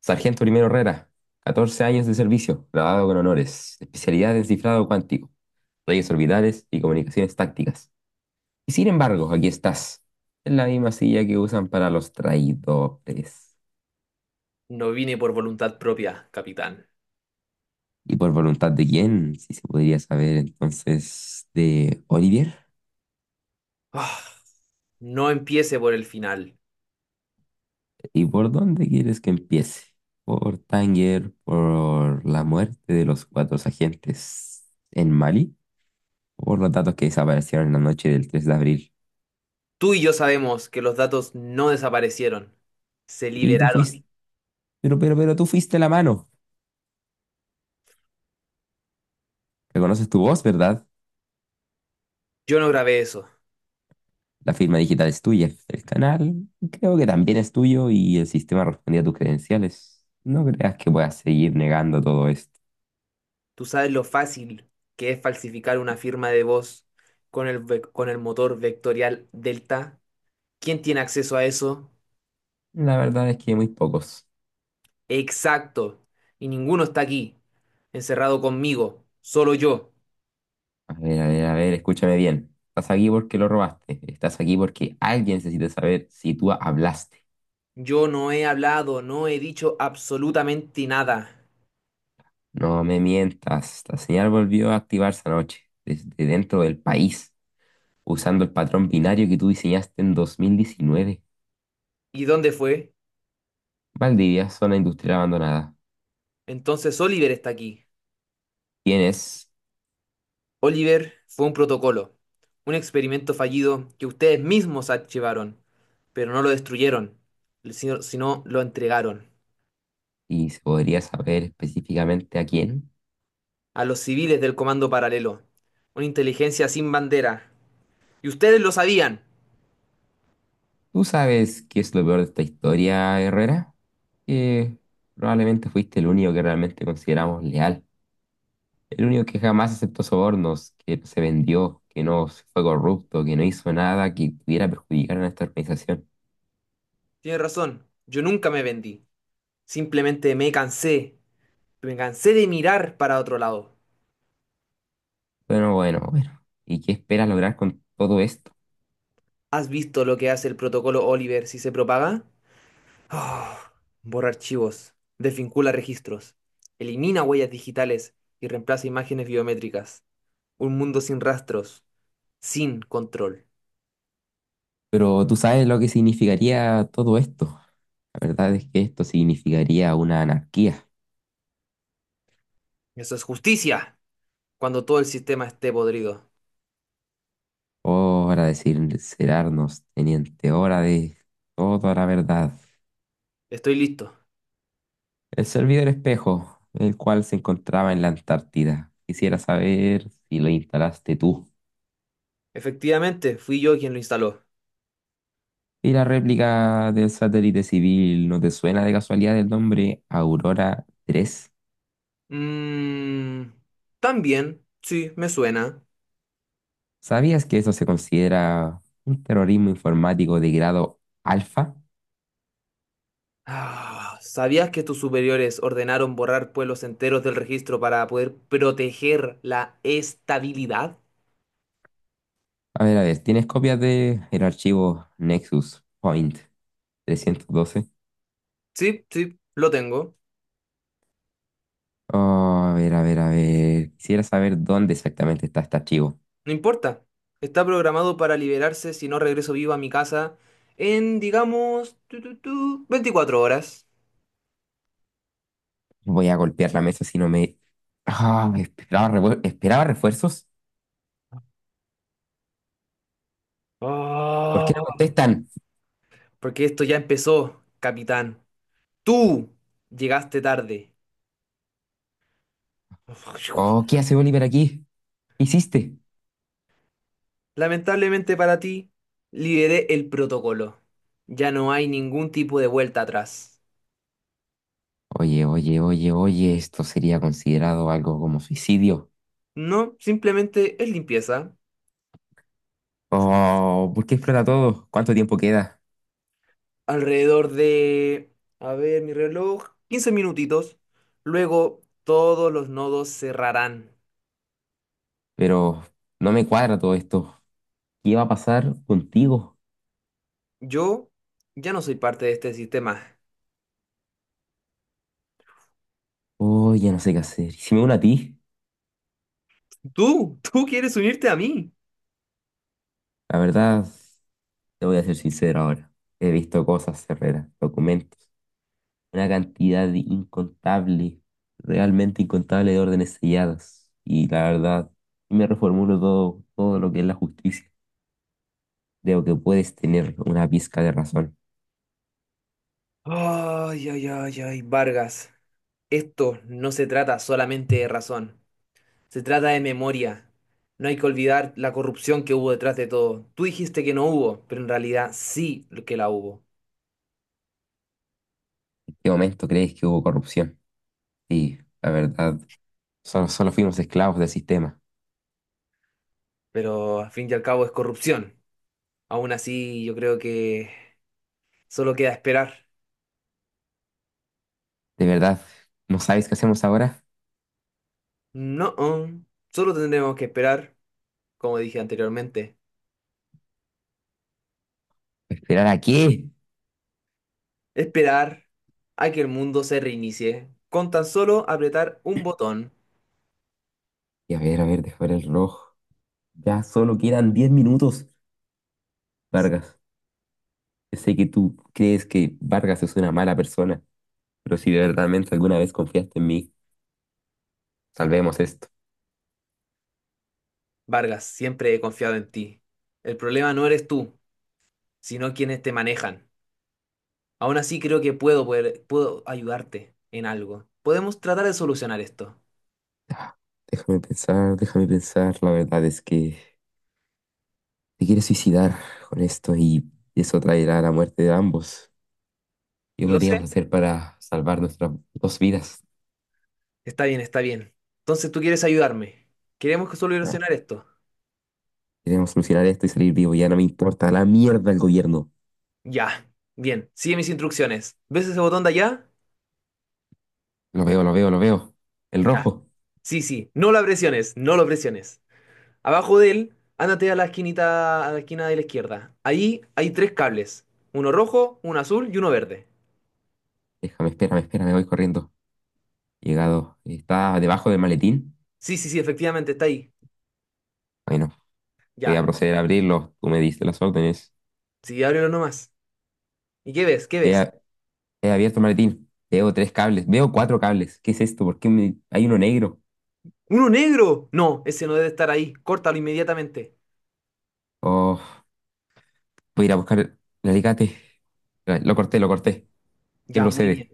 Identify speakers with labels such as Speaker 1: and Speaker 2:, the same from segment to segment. Speaker 1: Sargento Primero Herrera, 14 años de servicio, graduado con honores, especialidad en cifrado cuántico, redes orbitales y comunicaciones tácticas. Y sin embargo, aquí estás, en la misma silla que usan para los traidores.
Speaker 2: No vine por voluntad propia, capitán.
Speaker 1: ¿Y por voluntad de quién? Si se podría saber entonces de Olivier.
Speaker 2: Ah, no empiece por el final.
Speaker 1: ¿Y por dónde quieres que empiece? ¿Por Tanger? ¿Por la muerte de los cuatro agentes en Mali? ¿Por los datos que desaparecieron en la noche del 3 de abril?
Speaker 2: Tú y yo sabemos que los datos no desaparecieron, se
Speaker 1: Y tú
Speaker 2: liberaron.
Speaker 1: fuiste pero tú fuiste la mano. Reconoces tu voz, ¿verdad?
Speaker 2: Yo no grabé eso.
Speaker 1: La firma digital es tuya. El canal creo que también es tuyo y el sistema respondía a tus credenciales. No creas que puedas seguir negando todo esto.
Speaker 2: Tú sabes lo fácil que es falsificar una firma de voz con con el motor vectorial Delta. ¿Quién tiene acceso a eso?
Speaker 1: La verdad es que muy pocos.
Speaker 2: Exacto. Y ninguno está aquí, encerrado conmigo, solo yo.
Speaker 1: A ver, a ver, a ver, escúchame bien. Estás aquí porque lo robaste. Estás aquí porque alguien necesita saber si tú hablaste.
Speaker 2: Yo no he hablado, no he dicho absolutamente nada.
Speaker 1: No me mientas. La señal volvió a activarse anoche, desde dentro del país, usando el patrón binario que tú diseñaste en 2019.
Speaker 2: ¿Y dónde fue?
Speaker 1: Valdivia, zona industrial abandonada.
Speaker 2: Entonces Oliver está aquí.
Speaker 1: ¿Quién es?
Speaker 2: Oliver fue un protocolo, un experimento fallido que ustedes mismos archivaron, pero no lo destruyeron, sino lo entregaron
Speaker 1: Y se podría saber específicamente a quién.
Speaker 2: a los civiles del Comando Paralelo, una inteligencia sin bandera. Y ustedes lo sabían.
Speaker 1: ¿Tú sabes qué es lo peor de esta historia, Herrera? Que probablemente fuiste el único que realmente consideramos leal. El único que jamás aceptó sobornos, que no se vendió, que no fue corrupto, que no hizo nada que pudiera perjudicar a nuestra organización.
Speaker 2: Tienen razón, yo nunca me vendí. Simplemente me cansé de mirar para otro lado.
Speaker 1: Bueno, bueno, bueno. ¿Y qué esperas lograr con todo esto?
Speaker 2: ¿Has visto lo que hace el protocolo Oliver si se propaga? Ah, Borra archivos, desvincula registros, elimina huellas digitales y reemplaza imágenes biométricas. Un mundo sin rastros, sin control.
Speaker 1: Pero tú sabes lo que significaría todo esto. La verdad es que esto significaría una anarquía.
Speaker 2: Eso es justicia, cuando todo el sistema esté podrido.
Speaker 1: Hora de sincerarnos, teniente, hora de toda la verdad.
Speaker 2: Estoy listo.
Speaker 1: El servidor espejo, el cual se encontraba en la Antártida. Quisiera saber si lo instalaste tú.
Speaker 2: Efectivamente, fui yo quien lo instaló.
Speaker 1: Y la réplica del satélite civil, ¿no te suena de casualidad el nombre Aurora 3?
Speaker 2: Mmm... También, sí, me suena.
Speaker 1: ¿Sabías que eso se considera un terrorismo informático de grado alfa?
Speaker 2: Ah, ¿sabías que tus superiores ordenaron borrar pueblos enteros del registro para poder proteger la estabilidad?
Speaker 1: A ver, ¿tienes copias de el archivo Nexus Point 312?
Speaker 2: Sí, sí, lo tengo.
Speaker 1: Oh, a ver, a ver, a ver. Quisiera saber dónde exactamente está este archivo.
Speaker 2: No importa. Está programado para liberarse si no regreso vivo a mi casa en, digamos, 24 horas.
Speaker 1: Voy a golpear la mesa si no me... Esperaba refuerzos. ¿Por qué no
Speaker 2: Ah,
Speaker 1: contestan?
Speaker 2: Porque esto ya empezó, capitán. Tú llegaste tarde.
Speaker 1: Oh, ¿qué hace Oliver aquí? ¿Qué hiciste?
Speaker 2: Lamentablemente para ti, liberé el protocolo. Ya no hay ningún tipo de vuelta atrás.
Speaker 1: Oye, oye, oye, oye, esto sería considerado algo como suicidio.
Speaker 2: No, simplemente es limpieza.
Speaker 1: Oh, ¿por qué explota todo? ¿Cuánto tiempo queda?
Speaker 2: Alrededor de, a ver, mi reloj, 15 minutitos. Luego todos los nodos cerrarán.
Speaker 1: Pero no me cuadra todo esto. ¿Qué va a pasar contigo?
Speaker 2: Yo ya no soy parte de este sistema.
Speaker 1: Oh, ya no sé qué hacer. ¿Y si me uno a ti?
Speaker 2: Tú quieres unirte a mí.
Speaker 1: La verdad. Te voy a ser sincero ahora. He visto cosas, Herrera, documentos, una cantidad de incontable, realmente incontable de órdenes selladas. Y la verdad, me reformulo todo lo que es la justicia. Creo que puedes tener una pizca de razón.
Speaker 2: Ay, ay, ay, ay, Vargas. Esto no se trata solamente de razón, se trata de memoria. No hay que olvidar la corrupción que hubo detrás de todo. Tú dijiste que no hubo, pero en realidad sí que la hubo.
Speaker 1: ¿En qué momento crees que hubo corrupción? Sí, la verdad, solo fuimos esclavos del sistema.
Speaker 2: Pero al fin y al cabo es corrupción. Aún así, yo creo que solo queda esperar.
Speaker 1: ¿De verdad? ¿No sabes qué hacemos ahora?
Speaker 2: No, solo tendremos que esperar, como dije anteriormente.
Speaker 1: ¿Esperar a qué?
Speaker 2: Esperar a que el mundo se reinicie. Con tan solo apretar un botón.
Speaker 1: Y a ver, dejar el reloj. Ya solo quedan 10 minutos, Vargas. Sé que tú crees que Vargas es una mala persona, pero si verdaderamente alguna vez confiaste en mí, salvemos esto.
Speaker 2: Vargas, siempre he confiado en ti. El problema no eres tú, sino quienes te manejan. Aún así creo que puedo ayudarte en algo. Podemos tratar de solucionar esto.
Speaker 1: Ah, Déjame pensar, déjame pensar. La verdad es que te quieres suicidar con esto y eso traerá la muerte de ambos. ¿Qué
Speaker 2: Lo
Speaker 1: podríamos
Speaker 2: sé.
Speaker 1: hacer para salvar nuestras dos vidas?
Speaker 2: Está bien, está bien. Entonces tú quieres ayudarme. Queremos que
Speaker 1: Ah,
Speaker 2: solucionar esto.
Speaker 1: Queremos solucionar esto y salir vivo. Ya no me importa la mierda el gobierno.
Speaker 2: Ya. Bien. Sigue mis instrucciones. ¿Ves ese botón de allá?
Speaker 1: Lo veo, lo veo, lo veo. El
Speaker 2: Ya.
Speaker 1: rojo.
Speaker 2: Sí, sí, no la presiones, no lo presiones. Abajo de él, ándate a la esquinita, a la esquina de la izquierda. Ahí hay tres cables, uno rojo, uno azul y uno verde.
Speaker 1: Déjame, espérame, espérame, voy corriendo. Llegado. ¿Está debajo del maletín?
Speaker 2: Sí, sí, sí, efectivamente, está ahí.
Speaker 1: Bueno. Voy
Speaker 2: Ya,
Speaker 1: a proceder a abrirlos. Tú me diste las órdenes.
Speaker 2: sí, ábrelo nomás. ¿Y qué ves? ¿Qué
Speaker 1: He,
Speaker 2: ves?
Speaker 1: a- he abierto el maletín. Veo tres cables. Veo cuatro cables. ¿Qué es esto? ¿Por qué hay uno negro?
Speaker 2: ¡Uno negro! No, ese no debe estar ahí. Córtalo inmediatamente.
Speaker 1: Oh, voy a ir a buscar el alicate. Lo corté, lo corté. ¿Qué
Speaker 2: Ya, muy bien.
Speaker 1: procede?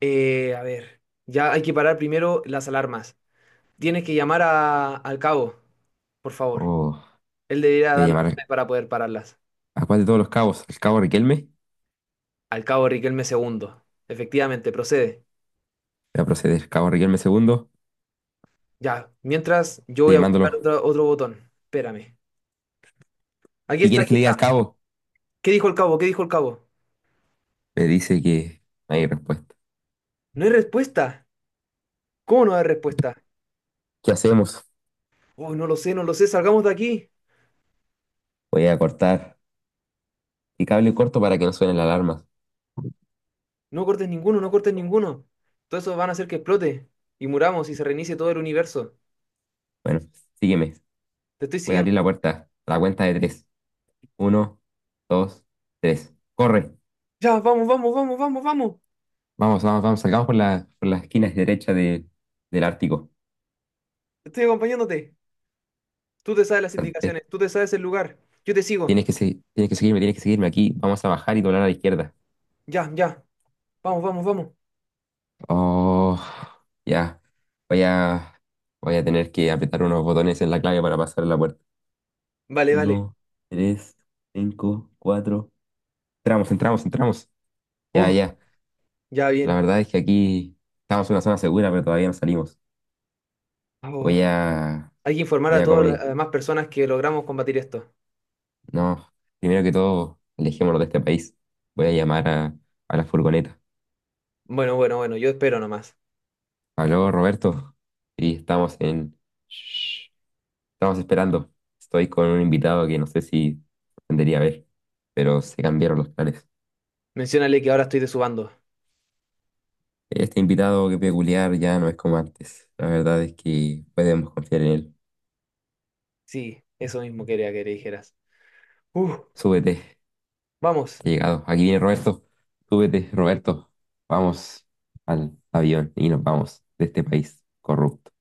Speaker 2: A ver, ya hay que parar primero las alarmas. Tienes que llamar a- al cabo, por favor.
Speaker 1: Oh,
Speaker 2: Él debería
Speaker 1: voy a
Speaker 2: dar las
Speaker 1: llamar
Speaker 2: órdenes para poder pararlas.
Speaker 1: a cuál de todos los cabos. ¿El cabo Riquelme?
Speaker 2: Al cabo Riquelme segundo. Efectivamente, procede.
Speaker 1: Voy a proceder. Cabo Riquelme segundo.
Speaker 2: Ya, mientras yo
Speaker 1: Estoy
Speaker 2: voy a buscar
Speaker 1: llamándolo.
Speaker 2: otro botón. Espérame. Aquí
Speaker 1: ¿Qué
Speaker 2: está,
Speaker 1: quieres que
Speaker 2: aquí
Speaker 1: le diga al
Speaker 2: está.
Speaker 1: cabo?
Speaker 2: ¿Qué dijo el cabo? ¿Qué dijo el cabo?
Speaker 1: Me dice que no hay respuesta.
Speaker 2: No hay respuesta. ¿Cómo no hay respuesta?
Speaker 1: ¿Qué hacemos?
Speaker 2: Oh, no lo sé, no lo sé. Salgamos de aquí.
Speaker 1: Voy a cortar. Y cable corto para que no suenen las alarmas.
Speaker 2: No cortes ninguno, no cortes ninguno. Todo eso van a hacer que explote y muramos y se reinicie todo el universo.
Speaker 1: Bueno, sígueme.
Speaker 2: Te estoy
Speaker 1: Voy a
Speaker 2: siguiendo.
Speaker 1: abrir la puerta. A la cuenta de tres. Uno, dos, tres. Corre.
Speaker 2: Ya, vamos, vamos, vamos, vamos, vamos.
Speaker 1: Vamos, vamos, vamos. Salgamos por por las esquinas derecha del Ártico.
Speaker 2: Estoy acompañándote. Tú te sabes las
Speaker 1: Salté.
Speaker 2: indicaciones, tú te sabes el lugar. Yo te sigo.
Speaker 1: Tienes que seguirme, tienes que seguirme. Aquí vamos a bajar y doblar a la izquierda.
Speaker 2: Ya, ya. Vamos, vamos, vamos.
Speaker 1: Oh, ya. Voy a, voy a tener que apretar unos botones en la clave para pasar la puerta.
Speaker 2: Vale, vale.
Speaker 1: Uno, tres, cinco, cuatro. Entramos, entramos, entramos. Ya,
Speaker 2: Uh,
Speaker 1: ya.
Speaker 2: ya
Speaker 1: La
Speaker 2: bien.
Speaker 1: verdad es que aquí estamos en una zona segura, pero todavía no salimos.
Speaker 2: Oh,
Speaker 1: Voy a,
Speaker 2: hay que informar
Speaker 1: voy
Speaker 2: a
Speaker 1: a
Speaker 2: todas las
Speaker 1: comuni-
Speaker 2: demás personas que logramos combatir esto.
Speaker 1: No, primero que todo, alejémonos de este país. Voy a llamar a la furgoneta.
Speaker 2: Bueno, bueno, bueno, yo espero nomás.
Speaker 1: Aló, Roberto. Sí, estamos en... Shh, estamos esperando. Estoy con un invitado que no sé si tendría a ver, pero se cambiaron los planes.
Speaker 2: Menciónale que ahora estoy de su bando.
Speaker 1: Este invitado que peculiar ya no es como antes. La verdad es que podemos confiar en él.
Speaker 2: Sí, eso mismo quería que le dijeras. Uf,
Speaker 1: Súbete, he
Speaker 2: vamos.
Speaker 1: llegado. Aquí viene Roberto. Súbete, Roberto. Vamos al avión y nos vamos de este país corrupto.